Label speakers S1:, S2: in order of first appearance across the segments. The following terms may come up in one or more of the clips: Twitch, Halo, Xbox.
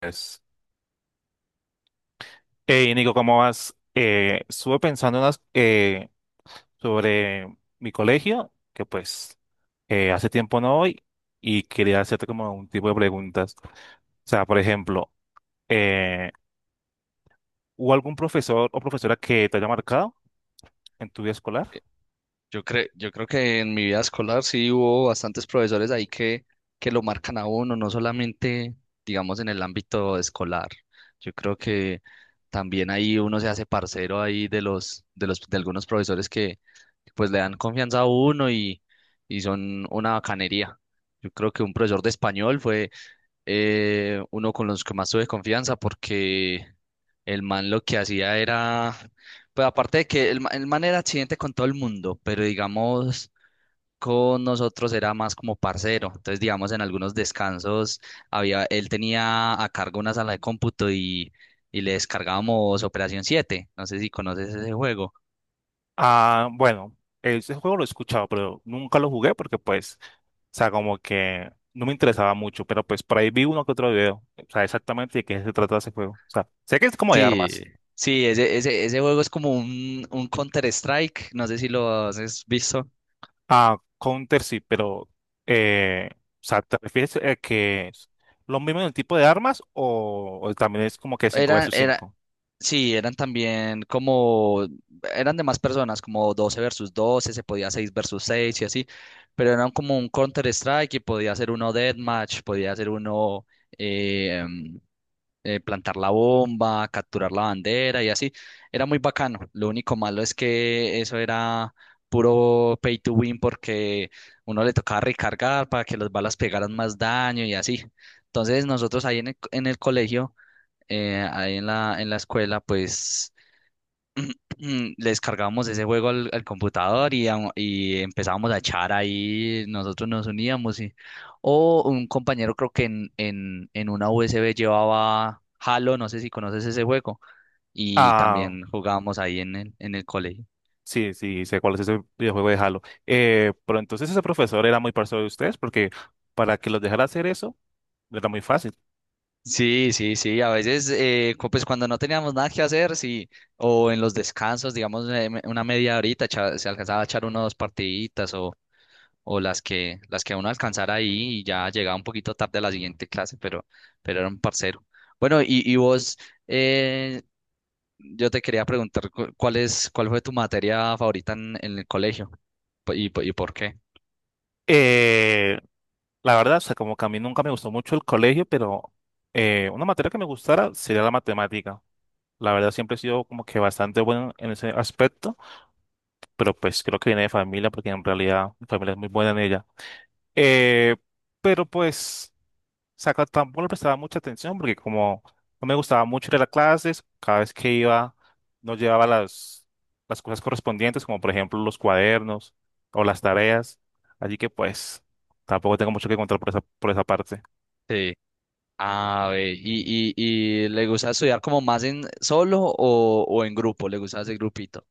S1: Pues, Hey, Nico, ¿cómo vas? Estuve pensando unas, sobre mi colegio, que pues hace tiempo no voy, y quería hacerte como un tipo de preguntas. O sea, por ejemplo, eh, ¿hubo algún profesor o profesora que te haya marcado en tu vida escolar?
S2: Yo creo que en mi vida escolar sí hubo bastantes profesores ahí que lo marcan a uno, no solamente, digamos, en el ámbito escolar. Yo creo que también ahí uno se hace parcero ahí de algunos profesores que pues le dan confianza a uno y son una bacanería. Yo creo que un profesor de español fue uno con los que más tuve confianza porque el man lo que hacía era, pues aparte de que el man era accidente con todo el mundo, pero digamos con nosotros era más como parcero. Entonces, digamos, en algunos descansos había, él tenía a cargo una sala de cómputo y le descargábamos Operación siete. No sé si conoces ese juego.
S1: Ah, bueno, ese juego lo he escuchado, pero nunca lo jugué porque pues, o sea, como que no me interesaba mucho, pero pues por ahí vi uno que otro video, o sea, exactamente de qué se trata ese juego. O sea, sé que es como de
S2: Sí,
S1: armas.
S2: sí, ese juego es como un Counter-Strike, no sé si lo has visto.
S1: Ah, Counter sí, pero o sea, ¿te refieres a que es lo mismo en el tipo de armas o también es como que 5
S2: Era,
S1: versus
S2: era,
S1: cinco?
S2: Sí, eran también como, eran de más personas, como 12 versus 12, se podía 6 versus 6 y así, pero eran como un Counter Strike y podía ser uno Deathmatch, podía ser uno eh, em, plantar la bomba, capturar la bandera y así. Era muy bacano. Lo único malo es que eso era puro pay to win porque uno le tocaba recargar para que las balas pegaran más daño y así. Entonces nosotros ahí en el colegio ahí en la escuela, pues le descargábamos ese juego al computador y, y empezábamos a echar ahí, nosotros nos uníamos. Y, o un compañero creo que en una USB llevaba Halo, no sé si conoces ese juego, y
S1: Ah,
S2: también jugábamos ahí en el colegio.
S1: sí, sí, sé cuál es ese videojuego de Halo. Pero entonces ese profesor era muy parcial de ustedes porque para que los dejara hacer eso era muy fácil.
S2: Sí, sí, sí, a veces, pues cuando no teníamos nada que hacer, sí, o en los descansos, digamos, una media horita, se alcanzaba a echar unas dos partiditas, o las que uno alcanzara ahí y ya llegaba un poquito tarde a la siguiente clase, pero era un parcero. Bueno, y vos, eh, yo te quería preguntar cuál fue tu materia favorita en el colegio. ¿Y por qué?
S1: Eh, la verdad, o sea, como que a mí nunca me gustó mucho el colegio, pero una materia que me gustara sería la matemática. La verdad, siempre he sido como que bastante bueno en ese aspecto, pero pues creo que viene de familia porque en realidad mi familia es muy buena en ella. Eh, pero pues, saca tampoco le prestaba mucha atención porque como no me gustaba mucho ir a las clases, cada vez que iba no llevaba las cosas correspondientes, como por ejemplo los cuadernos o las tareas. Así que pues, tampoco tengo mucho que contar por esa parte.
S2: Sí. Ah, ve, y le gusta estudiar como más en solo o en grupo, le gusta ese grupito.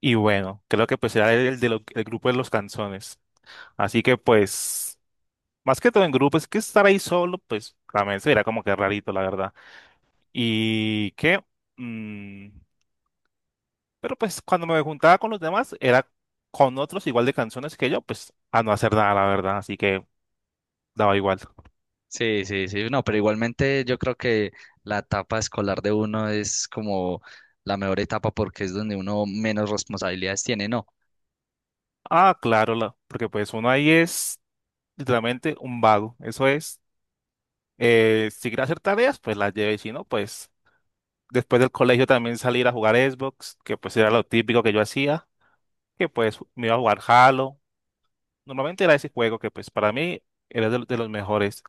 S1: Y bueno, creo que pues era el, del grupo de los canzones. Así que pues, más que todo en grupo, es que estar ahí solo, pues, también se verá como que rarito, la verdad. Y que, mm, pero pues cuando me juntaba con los demás, era con otros igual de canciones que yo, pues a no hacer nada, la verdad, así que daba igual.
S2: Sí, sí, sí, no, pero igualmente yo creo que la etapa escolar de uno es como la mejor etapa porque es donde uno menos responsabilidades tiene, ¿no?
S1: Ah, claro, la- porque pues uno ahí es literalmente un vago, eso es. Si quiere hacer tareas, pues las lleve, y si no, pues después del colegio también salir a jugar Xbox, que pues era lo típico que yo hacía, que pues me iba a jugar Halo. Normalmente era ese juego que pues para mí era de los mejores.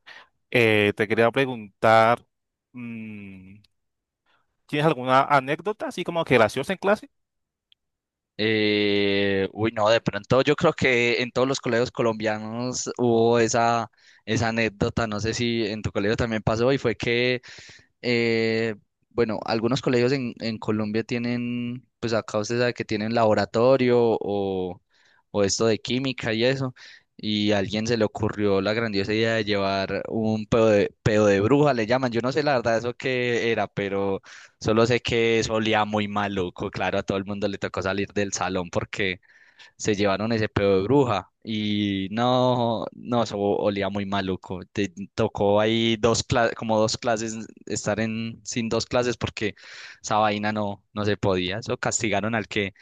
S1: Te quería preguntar, mm, ¿tienes alguna anécdota así como que graciosa en clase?
S2: Uy, no, de pronto yo creo que en todos los colegios colombianos hubo esa, esa anécdota, no sé si en tu colegio también pasó, y fue que eh, bueno, algunos colegios en Colombia tienen, pues acá usted sabe que tienen laboratorio o esto de química y eso, y a alguien se le ocurrió la grandiosa idea de llevar un pedo de bruja, le llaman, yo no sé la verdad eso qué era, pero solo sé que eso olía muy maluco, claro, a todo el mundo le tocó salir del salón porque se llevaron ese pedo de bruja y no, no, eso olía muy maluco. Te tocó ahí como dos clases, estar en, sin dos clases porque esa vaina no, no se podía. Eso castigaron al que,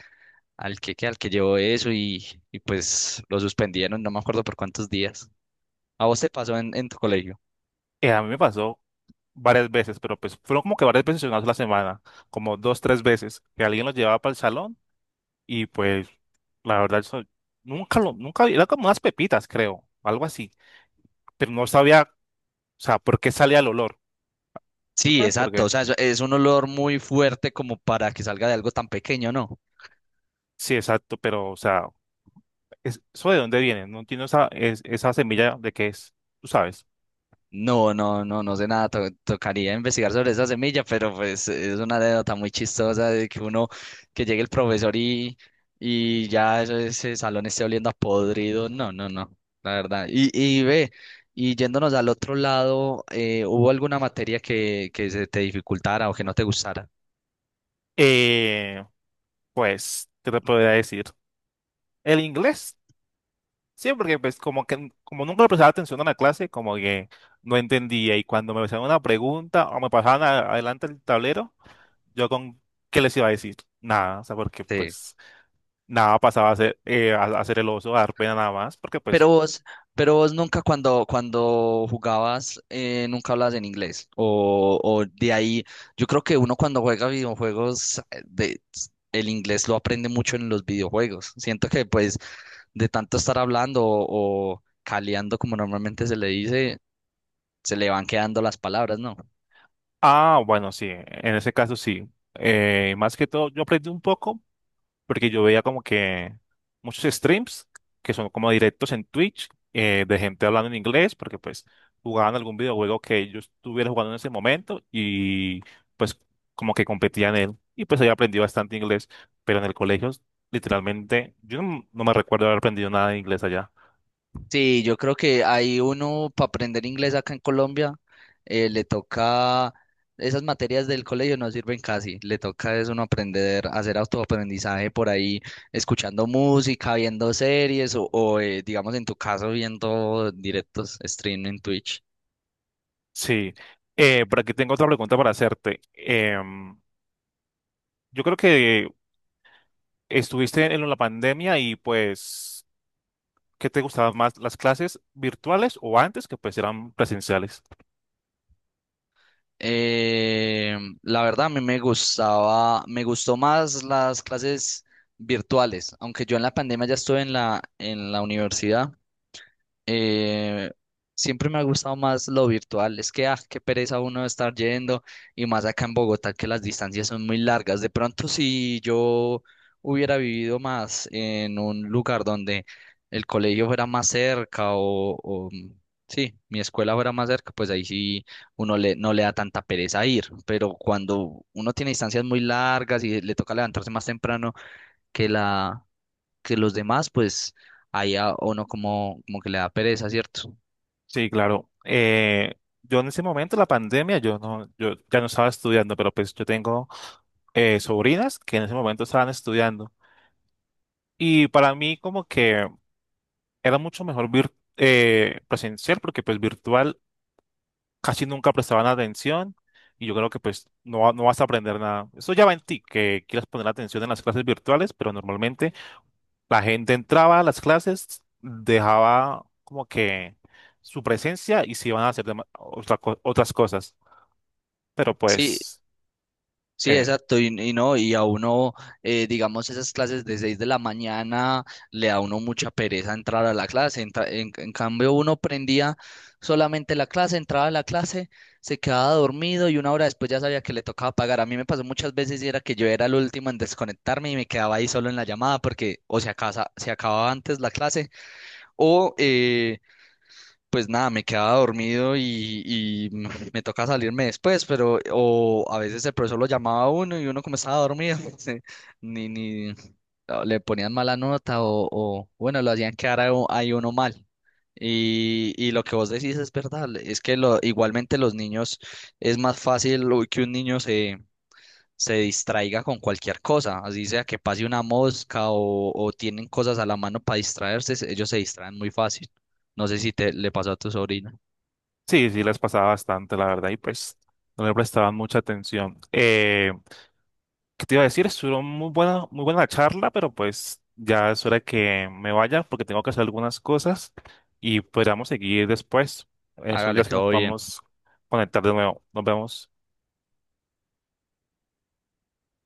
S2: al que llevó eso y pues lo suspendieron, no me acuerdo por cuántos días. ¿A vos te pasó en tu colegio?
S1: A mí me pasó varias veces, pero pues fueron como que varias veces en una sola semana, como dos, tres veces, que alguien los llevaba para el salón y pues la verdad eso nunca lo, nunca, era como unas pepitas creo, algo así, pero no sabía, o sea, por qué salía el olor. ¿Tú
S2: Sí,
S1: sabes por
S2: exacto, o
S1: qué?
S2: sea, es un olor muy fuerte como para que salga de algo tan pequeño, ¿no?
S1: Sí, exacto, pero o sea... es- ¿eso de dónde viene? No entiendo esa, es- esa semilla de qué es, tú sabes.
S2: No, no, no, no sé nada, tocaría investigar sobre esa semilla, pero pues es una anécdota muy chistosa de que uno, que llegue el profesor y ya ese salón esté oliendo a podrido, no, no, no, la verdad. Y ve, y yéndonos al otro lado, ¿hubo alguna materia que se te dificultara o que no te gustara?
S1: Eh, pues, ¿qué te podría decir? El inglés, sí, porque pues como que como nunca le prestaba atención a la clase, como que no entendía y cuando me hacían una pregunta o me pasaban a- adelante el tablero, yo con ¿qué les iba a decir? Nada, o sea, porque
S2: Sí.
S1: pues nada pasaba a ser el oso, a dar pena nada más, porque
S2: Pero
S1: pues,
S2: vos, pero vos nunca cuando, cuando jugabas, nunca hablabas en inglés. O de ahí, yo creo que uno cuando juega videojuegos, el inglés lo aprende mucho en los videojuegos. Siento que pues de tanto estar hablando o caleando, como normalmente se le dice, se le van quedando las palabras, ¿no?
S1: ah, bueno, sí, en ese caso sí. Más que todo, yo aprendí un poco porque yo veía como que muchos streams, que son como directos en Twitch, de gente hablando en inglés, porque pues jugaban algún videojuego que yo estuviera jugando en ese momento y pues como que competía en él y pues ahí aprendí bastante inglés, pero en el colegio literalmente yo no, no me recuerdo haber aprendido nada de inglés allá.
S2: Sí, yo creo que hay uno para aprender inglés acá en Colombia, le toca, esas materias del colegio no sirven casi, le toca es uno aprender, hacer autoaprendizaje por ahí, escuchando música, viendo series o, digamos en tu caso viendo directos stream en Twitch.
S1: Sí, por aquí tengo otra pregunta para hacerte. Yo creo que estuviste en la pandemia y pues... ¿Qué te gustaban más, las clases virtuales o antes que pues eran presenciales?
S2: La verdad a mí me gustaba, me gustó más las clases virtuales, aunque yo en la pandemia ya estuve en la universidad. Eh, siempre me ha gustado más lo virtual. Es que, ah, qué pereza uno estar yendo y más acá en Bogotá que las distancias son muy largas. De pronto, si yo hubiera vivido más en un lugar donde el colegio fuera más cerca o, sí, mi escuela fuera más cerca, pues ahí sí uno le, no le da tanta pereza ir. Pero cuando uno tiene distancias muy largas y le toca levantarse más temprano que la que los demás, pues ahí a uno como, como que le da pereza, ¿cierto?
S1: Sí, claro. Yo en ese momento, la pandemia, yo no, yo ya no estaba estudiando, pero pues yo tengo sobrinas que en ese momento estaban estudiando. Y para mí como que era mucho mejor vir- presencial porque pues virtual casi nunca prestaban atención y yo creo que pues no, va- no vas a aprender nada. Eso ya va en ti, que quieras poner atención en las clases virtuales, pero normalmente la gente entraba a las clases, dejaba como que su presencia y se iban a hacer dema- otra co- otras cosas. Pero
S2: Sí,
S1: pues,
S2: sí,
S1: eh,
S2: exacto, y no, y a uno, digamos, esas clases de 6 de la mañana, le da a uno mucha pereza entrar a la clase, en cambio uno prendía solamente la clase, entraba a la clase, se quedaba dormido y una hora después ya sabía que le tocaba pagar. A mí me pasó muchas veces y era que yo era el último en desconectarme y me quedaba ahí solo en la llamada porque o se acababa antes la clase o... pues nada, me quedaba dormido y, me toca salirme después, pero o a veces el profesor lo llamaba a uno y uno como estaba dormido, se- ni, ni o le ponían mala nota o, bueno, lo hacían quedar a ahí uno mal. Y lo que vos decís es verdad, es que lo, igualmente los niños es más fácil uy, que un niño se distraiga con cualquier cosa, así sea que pase una mosca o tienen cosas a la mano para distraerse, ellos se distraen muy fácil. No sé si te le pasó a tu sobrina.
S1: sí, sí les pasaba bastante, la verdad, y pues no le prestaban mucha atención. ¿Qué te iba a decir? Estuvo muy buena la charla, pero pues ya es hora que me vaya porque tengo que hacer algunas cosas y podríamos seguir después, en esos
S2: Hágale
S1: días que nos
S2: todo bien.
S1: podamos conectar de nuevo. Nos vemos.